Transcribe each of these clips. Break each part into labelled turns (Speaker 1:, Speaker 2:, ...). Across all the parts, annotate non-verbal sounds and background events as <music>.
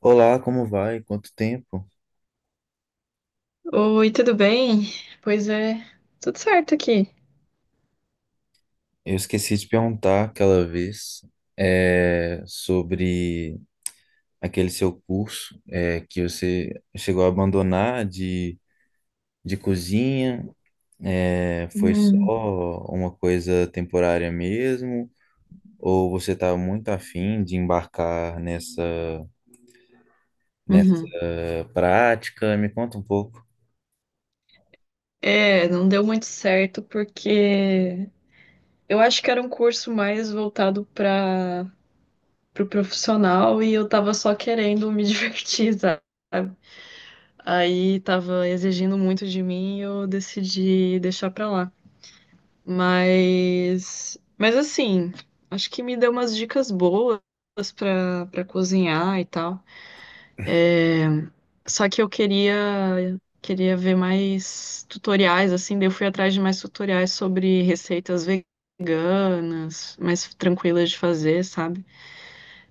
Speaker 1: Olá, como vai? Quanto tempo?
Speaker 2: Oi, tudo bem? Pois é, tudo certo aqui.
Speaker 1: Eu esqueci de perguntar aquela vez sobre aquele seu curso que você chegou a abandonar de cozinha. É, foi só
Speaker 2: Hum,
Speaker 1: uma coisa temporária mesmo? Ou você está muito afim de embarcar nessa
Speaker 2: uhum.
Speaker 1: prática? Me conta um pouco.
Speaker 2: É, não deu muito certo porque eu acho que era um curso mais voltado para o profissional e eu tava só querendo me <laughs> divertir, sabe? Aí tava exigindo muito de mim e eu decidi deixar pra lá. Mas assim, acho que me deu umas dicas boas pra cozinhar e tal. É, só que eu queria ver mais tutoriais, assim, daí eu fui atrás de mais tutoriais sobre receitas veganas, mais tranquilas de fazer, sabe?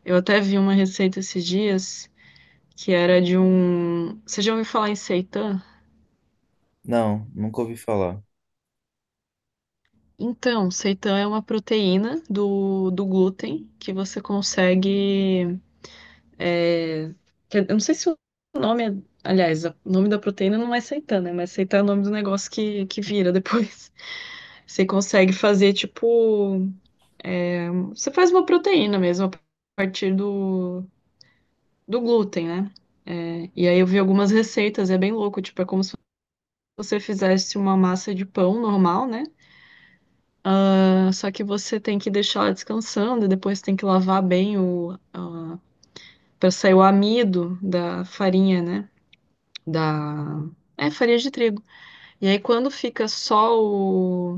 Speaker 2: Eu até vi uma receita esses dias que era de um. Você já ouviu falar em seitan?
Speaker 1: Não, nunca ouvi falar.
Speaker 2: Então, seitan é uma proteína do glúten que você consegue. É, eu não sei se o nome é. Aliás, o nome da proteína não é seitana, mas seitana é o nome do negócio que vira depois. <laughs> Você consegue fazer, tipo. Você faz uma proteína mesmo, do glúten, né? É, e aí eu vi algumas receitas, é bem louco, tipo, é como se você fizesse uma massa de pão normal, né? Ah, só que você tem que deixar ela descansando e depois tem que lavar bem o. Para sair o amido da farinha, né? Da. É, farinha de trigo. E aí, quando fica só o.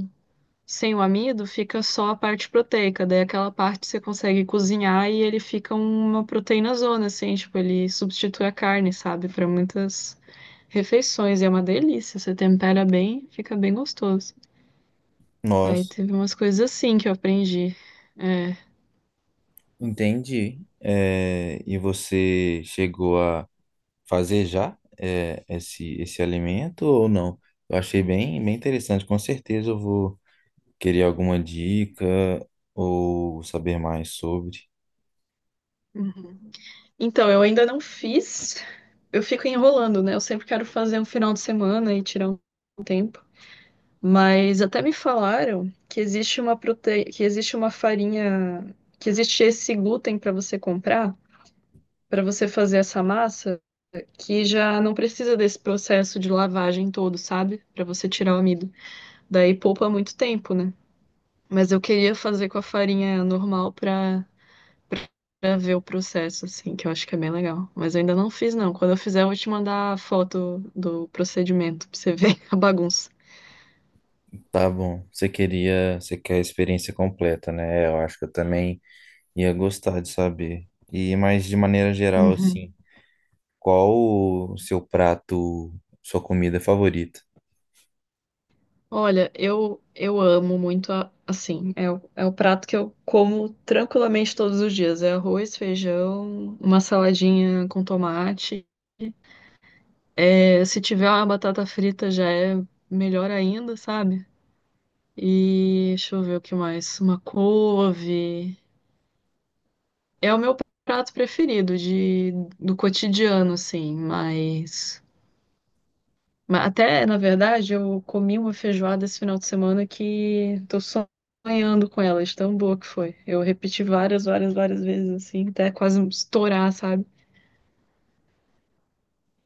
Speaker 2: Sem o amido, fica só a parte proteica. Daí, aquela parte você consegue cozinhar e ele fica uma proteína zona, assim. Tipo, ele substitui a carne, sabe? Para muitas refeições. E é uma delícia. Você tempera bem, fica bem gostoso. Aí,
Speaker 1: Nossa,
Speaker 2: teve umas coisas assim que eu aprendi. É.
Speaker 1: entendi. É, e você chegou a fazer já esse alimento ou não? Eu achei bem interessante. Com certeza eu vou querer alguma dica ou saber mais sobre.
Speaker 2: Uhum. Então, eu ainda não fiz. Eu fico enrolando, né? Eu sempre quero fazer um final de semana e tirar um tempo. Mas até me falaram que existe uma prote... que existe uma farinha, que existe esse glúten para você comprar, para você fazer essa massa, que já não precisa desse processo de lavagem todo, sabe? Para você tirar o amido. Daí poupa muito tempo, né? Mas eu queria fazer com a farinha normal para ver o processo, assim, que eu acho que é bem legal. Mas eu ainda não fiz, não. Quando eu fizer, eu vou te mandar a foto do procedimento para você ver <laughs> a bagunça.
Speaker 1: Tá bom. Você quer a experiência completa, né? Eu acho que eu também ia gostar de saber. E mais de maneira geral,
Speaker 2: Uhum.
Speaker 1: assim, qual o seu prato, sua comida favorita?
Speaker 2: Olha, eu amo muito a- assim. É o prato que eu como tranquilamente todos os dias. É arroz, feijão, uma saladinha com tomate. É, se tiver uma batata frita já é melhor ainda, sabe? E deixa eu ver o que mais. Uma couve. É o meu prato preferido de, do cotidiano, assim, mas. Mas até, na verdade, eu comi uma feijoada esse final de semana que tô sonhando com ela, de tão boa que foi. Eu repeti várias, várias, várias vezes, assim, até quase estourar, sabe?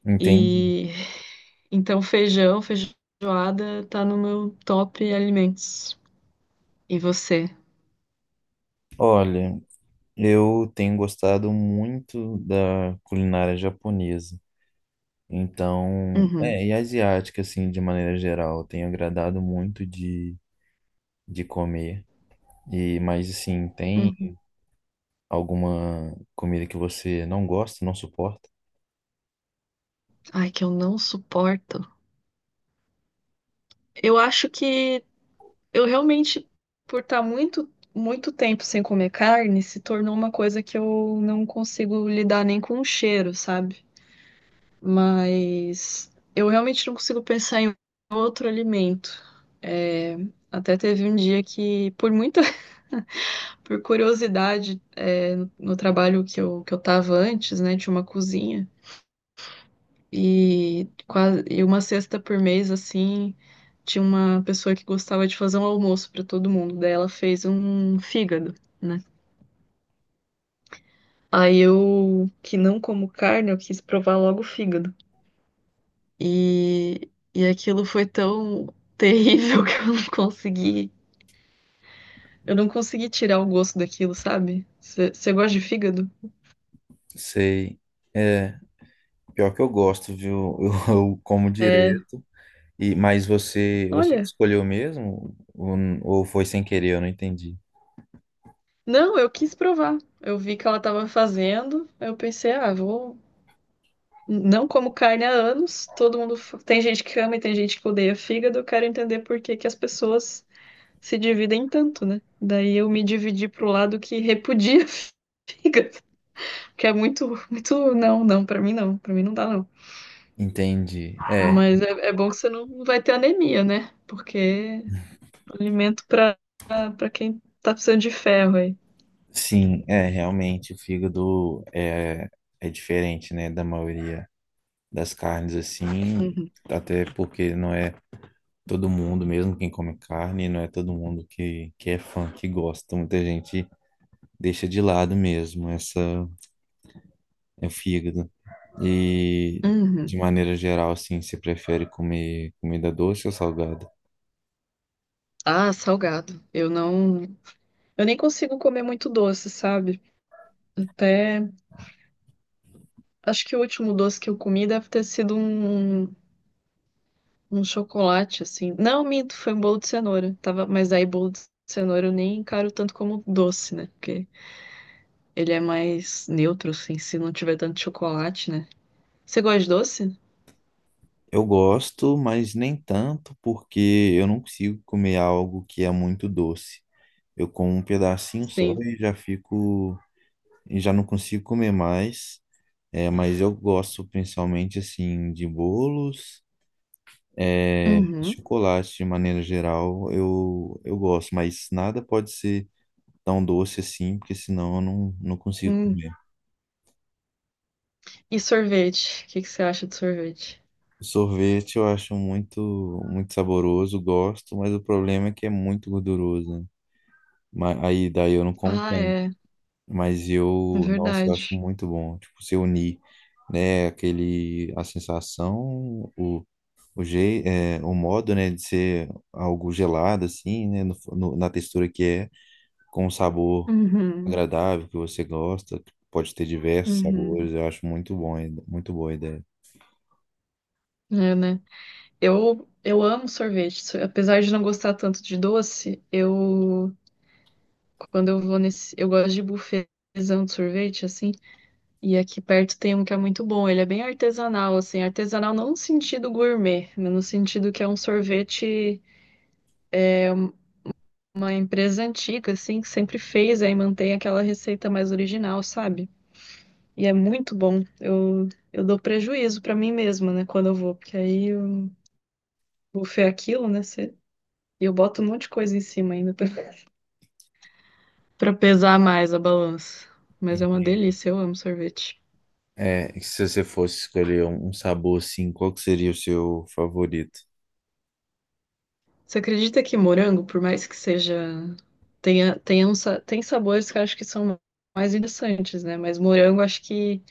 Speaker 1: Entende?
Speaker 2: E então feijão, feijoada tá no meu top alimentos. E você?
Speaker 1: Olha, eu tenho gostado muito da culinária japonesa. Então,
Speaker 2: Uhum.
Speaker 1: e asiática, assim, de maneira geral, eu tenho agradado muito de comer. E, mas, assim, tem
Speaker 2: Uhum.
Speaker 1: alguma comida que você não gosta, não suporta?
Speaker 2: Ai, que eu não suporto. Eu acho que eu realmente, por estar muito, muito tempo sem comer carne, se tornou uma coisa que eu não consigo lidar nem com o cheiro, sabe? Mas eu realmente não consigo pensar em outro alimento. É, até teve um dia que, por muita, <laughs> por curiosidade, é, no trabalho que eu tava antes, né, tinha uma cozinha e, quase, e uma sexta por mês, assim, tinha uma pessoa que gostava de fazer um almoço para todo mundo. Daí ela fez um fígado, né? Aí eu, que não como carne, eu quis provar logo o fígado. E aquilo foi tão terrível <laughs> que eu não consegui. Eu não consegui tirar o gosto daquilo, sabe? Você gosta de fígado?
Speaker 1: Sei. É, pior que eu gosto, viu? <laughs> Eu como
Speaker 2: É,
Speaker 1: direto. E, mas você que
Speaker 2: olha.
Speaker 1: escolheu mesmo? Ou foi sem querer? Eu não entendi.
Speaker 2: Não, eu quis provar. Eu vi que ela tava fazendo, aí eu pensei, ah, vou. Não como carne há anos, todo mundo. Tem gente que ama e tem gente que odeia fígado, eu quero entender por que que as pessoas se dividem tanto, né? Daí eu me dividi pro lado que repudia <laughs> fígado, que é muito, muito. Não, não, pra mim não, pra mim não dá, não.
Speaker 1: Entendi. É,
Speaker 2: Mas é, é bom que você não vai ter anemia, né? Porque alimento para quem tá precisando de ferro aí.
Speaker 1: sim, é, realmente, o fígado é diferente, né, da maioria das carnes assim,
Speaker 2: Uhum.
Speaker 1: até porque não é todo mundo, mesmo quem come carne, não é todo mundo que é fã, que gosta. Muita gente deixa de lado mesmo essa é o fígado. E de
Speaker 2: Uhum.
Speaker 1: maneira geral, assim, você prefere comer comida doce ou salgada?
Speaker 2: Ah, salgado. Eu não. Eu nem consigo comer muito doce, sabe? Até acho que o último doce que eu comi deve ter sido um, um chocolate, assim. Não, minto, foi um bolo de cenoura. Tava, mas aí bolo de cenoura eu nem encaro tanto como doce, né? Porque ele é mais neutro, assim, se não tiver tanto chocolate, né? Você gosta de doce?
Speaker 1: Eu gosto, mas nem tanto, porque eu não consigo comer algo que é muito doce. Eu como um pedacinho só
Speaker 2: Sim.
Speaker 1: e já fico e já não consigo comer mais. É, mas eu gosto principalmente assim de bolos, é,
Speaker 2: Uhum.
Speaker 1: chocolate de maneira geral, eu gosto, mas nada pode ser tão doce assim, porque senão eu não, não consigo
Speaker 2: Hum,
Speaker 1: comer.
Speaker 2: e sorvete? O que que você acha de sorvete?
Speaker 1: Sorvete eu acho muito muito saboroso, gosto, mas o problema é que é muito gorduroso, né? Mas aí daí eu não como
Speaker 2: Ah,
Speaker 1: tanto.
Speaker 2: é,
Speaker 1: Mas
Speaker 2: é
Speaker 1: eu, nossa, eu acho
Speaker 2: verdade.
Speaker 1: muito bom, tipo, se unir, né, aquele, a sensação, o modo, né, de ser algo gelado, assim, né, na textura que é, com um sabor
Speaker 2: Uhum,
Speaker 1: agradável que você gosta, que pode ter diversos
Speaker 2: uhum.
Speaker 1: sabores, eu acho muito bom, muito boa a ideia.
Speaker 2: É, né? Eu amo sorvete. So- Apesar de não gostar tanto de doce, eu quando eu vou nesse, eu gosto de buffetzão de sorvete assim, e aqui perto tem um que é muito bom. Ele é bem artesanal assim, artesanal não no sentido gourmet, mas no sentido que é um sorvete, uma empresa antiga assim, que sempre fez aí mantém aquela receita mais original, sabe? E é muito bom. Eu dou prejuízo pra mim mesma, né, quando eu vou, porque aí eu vou fer aquilo, né, e eu boto um monte de coisa em cima ainda pra, <laughs> pra pesar mais a balança. Mas é uma
Speaker 1: Entendi.
Speaker 2: delícia, eu amo sorvete.
Speaker 1: É, e se você fosse escolher um sabor assim, qual que seria o seu favorito?
Speaker 2: Você acredita que morango, por mais que seja, tenha um, tem sabores que eu acho que são mais interessantes, né? Mas morango, acho que,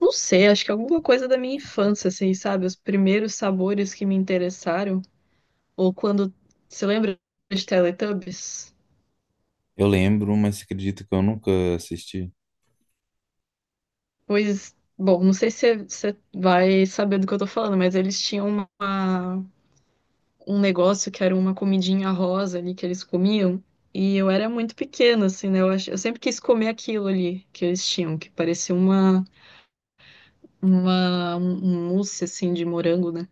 Speaker 2: não sei, acho que é alguma coisa da minha infância, assim, sabe? Os primeiros sabores que me interessaram, ou quando, você lembra de Teletubbies?
Speaker 1: Eu lembro, mas acredito que eu nunca assisti.
Speaker 2: Pois, bom, não sei se você vai saber do que eu tô falando, mas eles tinham uma, um negócio que era uma comidinha rosa ali que eles comiam. E eu era muito pequena, assim, né? Eu, ach... eu sempre quis comer aquilo ali que eles tinham, que parecia uma, um mousse, assim, de morango, né?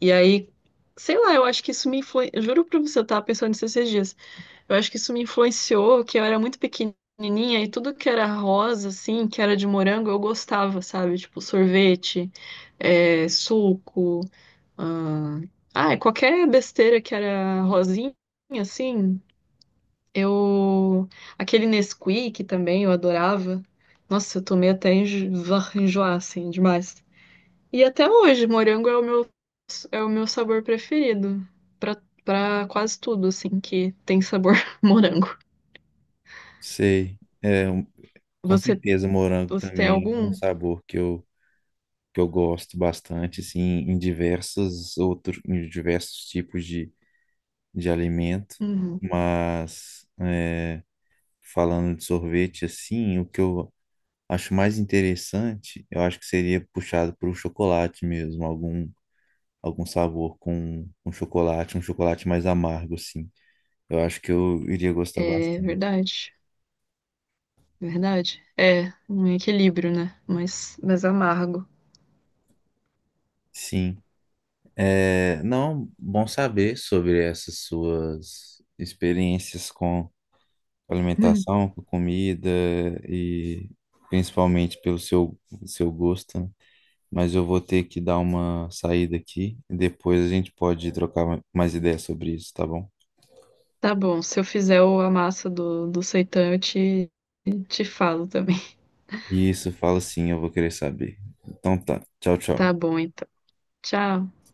Speaker 2: E aí, sei lá, eu acho que isso me influenciou. Juro pra você, eu tava pensando nisso esses dias. Eu acho que isso me influenciou, que eu era muito pequenininha e tudo que era rosa, assim, que era de morango, eu gostava, sabe? Tipo, sorvete, é, suco, ah, ah, qualquer besteira que era rosinha, assim, eu... Aquele Nesquik também, eu adorava. Nossa, eu tomei até enjo... <laughs> enjoar, assim, demais. E até hoje, morango é o meu sabor preferido. pra- Pra quase tudo, assim, que tem sabor <laughs> morango.
Speaker 1: Sei. É, com
Speaker 2: Você
Speaker 1: certeza, morango
Speaker 2: Você tem
Speaker 1: também é um
Speaker 2: algum?
Speaker 1: sabor que eu gosto bastante, assim, em diversos outros, em diversos tipos de alimento.
Speaker 2: Uhum.
Speaker 1: Mas é, falando de sorvete, assim, o que eu acho mais interessante, eu acho que seria puxado para o chocolate mesmo, algum, algum sabor com chocolate, um chocolate mais amargo, assim. Eu acho que eu iria gostar
Speaker 2: É
Speaker 1: bastante.
Speaker 2: verdade, verdade. É um equilíbrio, né? Mas amargo.
Speaker 1: Sim. É, não, bom saber sobre essas suas experiências com
Speaker 2: <laughs>
Speaker 1: alimentação, com comida e principalmente pelo seu, seu gosto, né? Mas eu vou ter que dar uma saída aqui e depois a gente pode trocar mais ideias sobre isso, tá bom?
Speaker 2: Tá bom, se eu fizer a massa do, do seitã, te falo também.
Speaker 1: Isso, fala sim, eu vou querer saber. Então tá, tchau,
Speaker 2: <laughs> Tá
Speaker 1: tchau.
Speaker 2: bom, então. Tchau.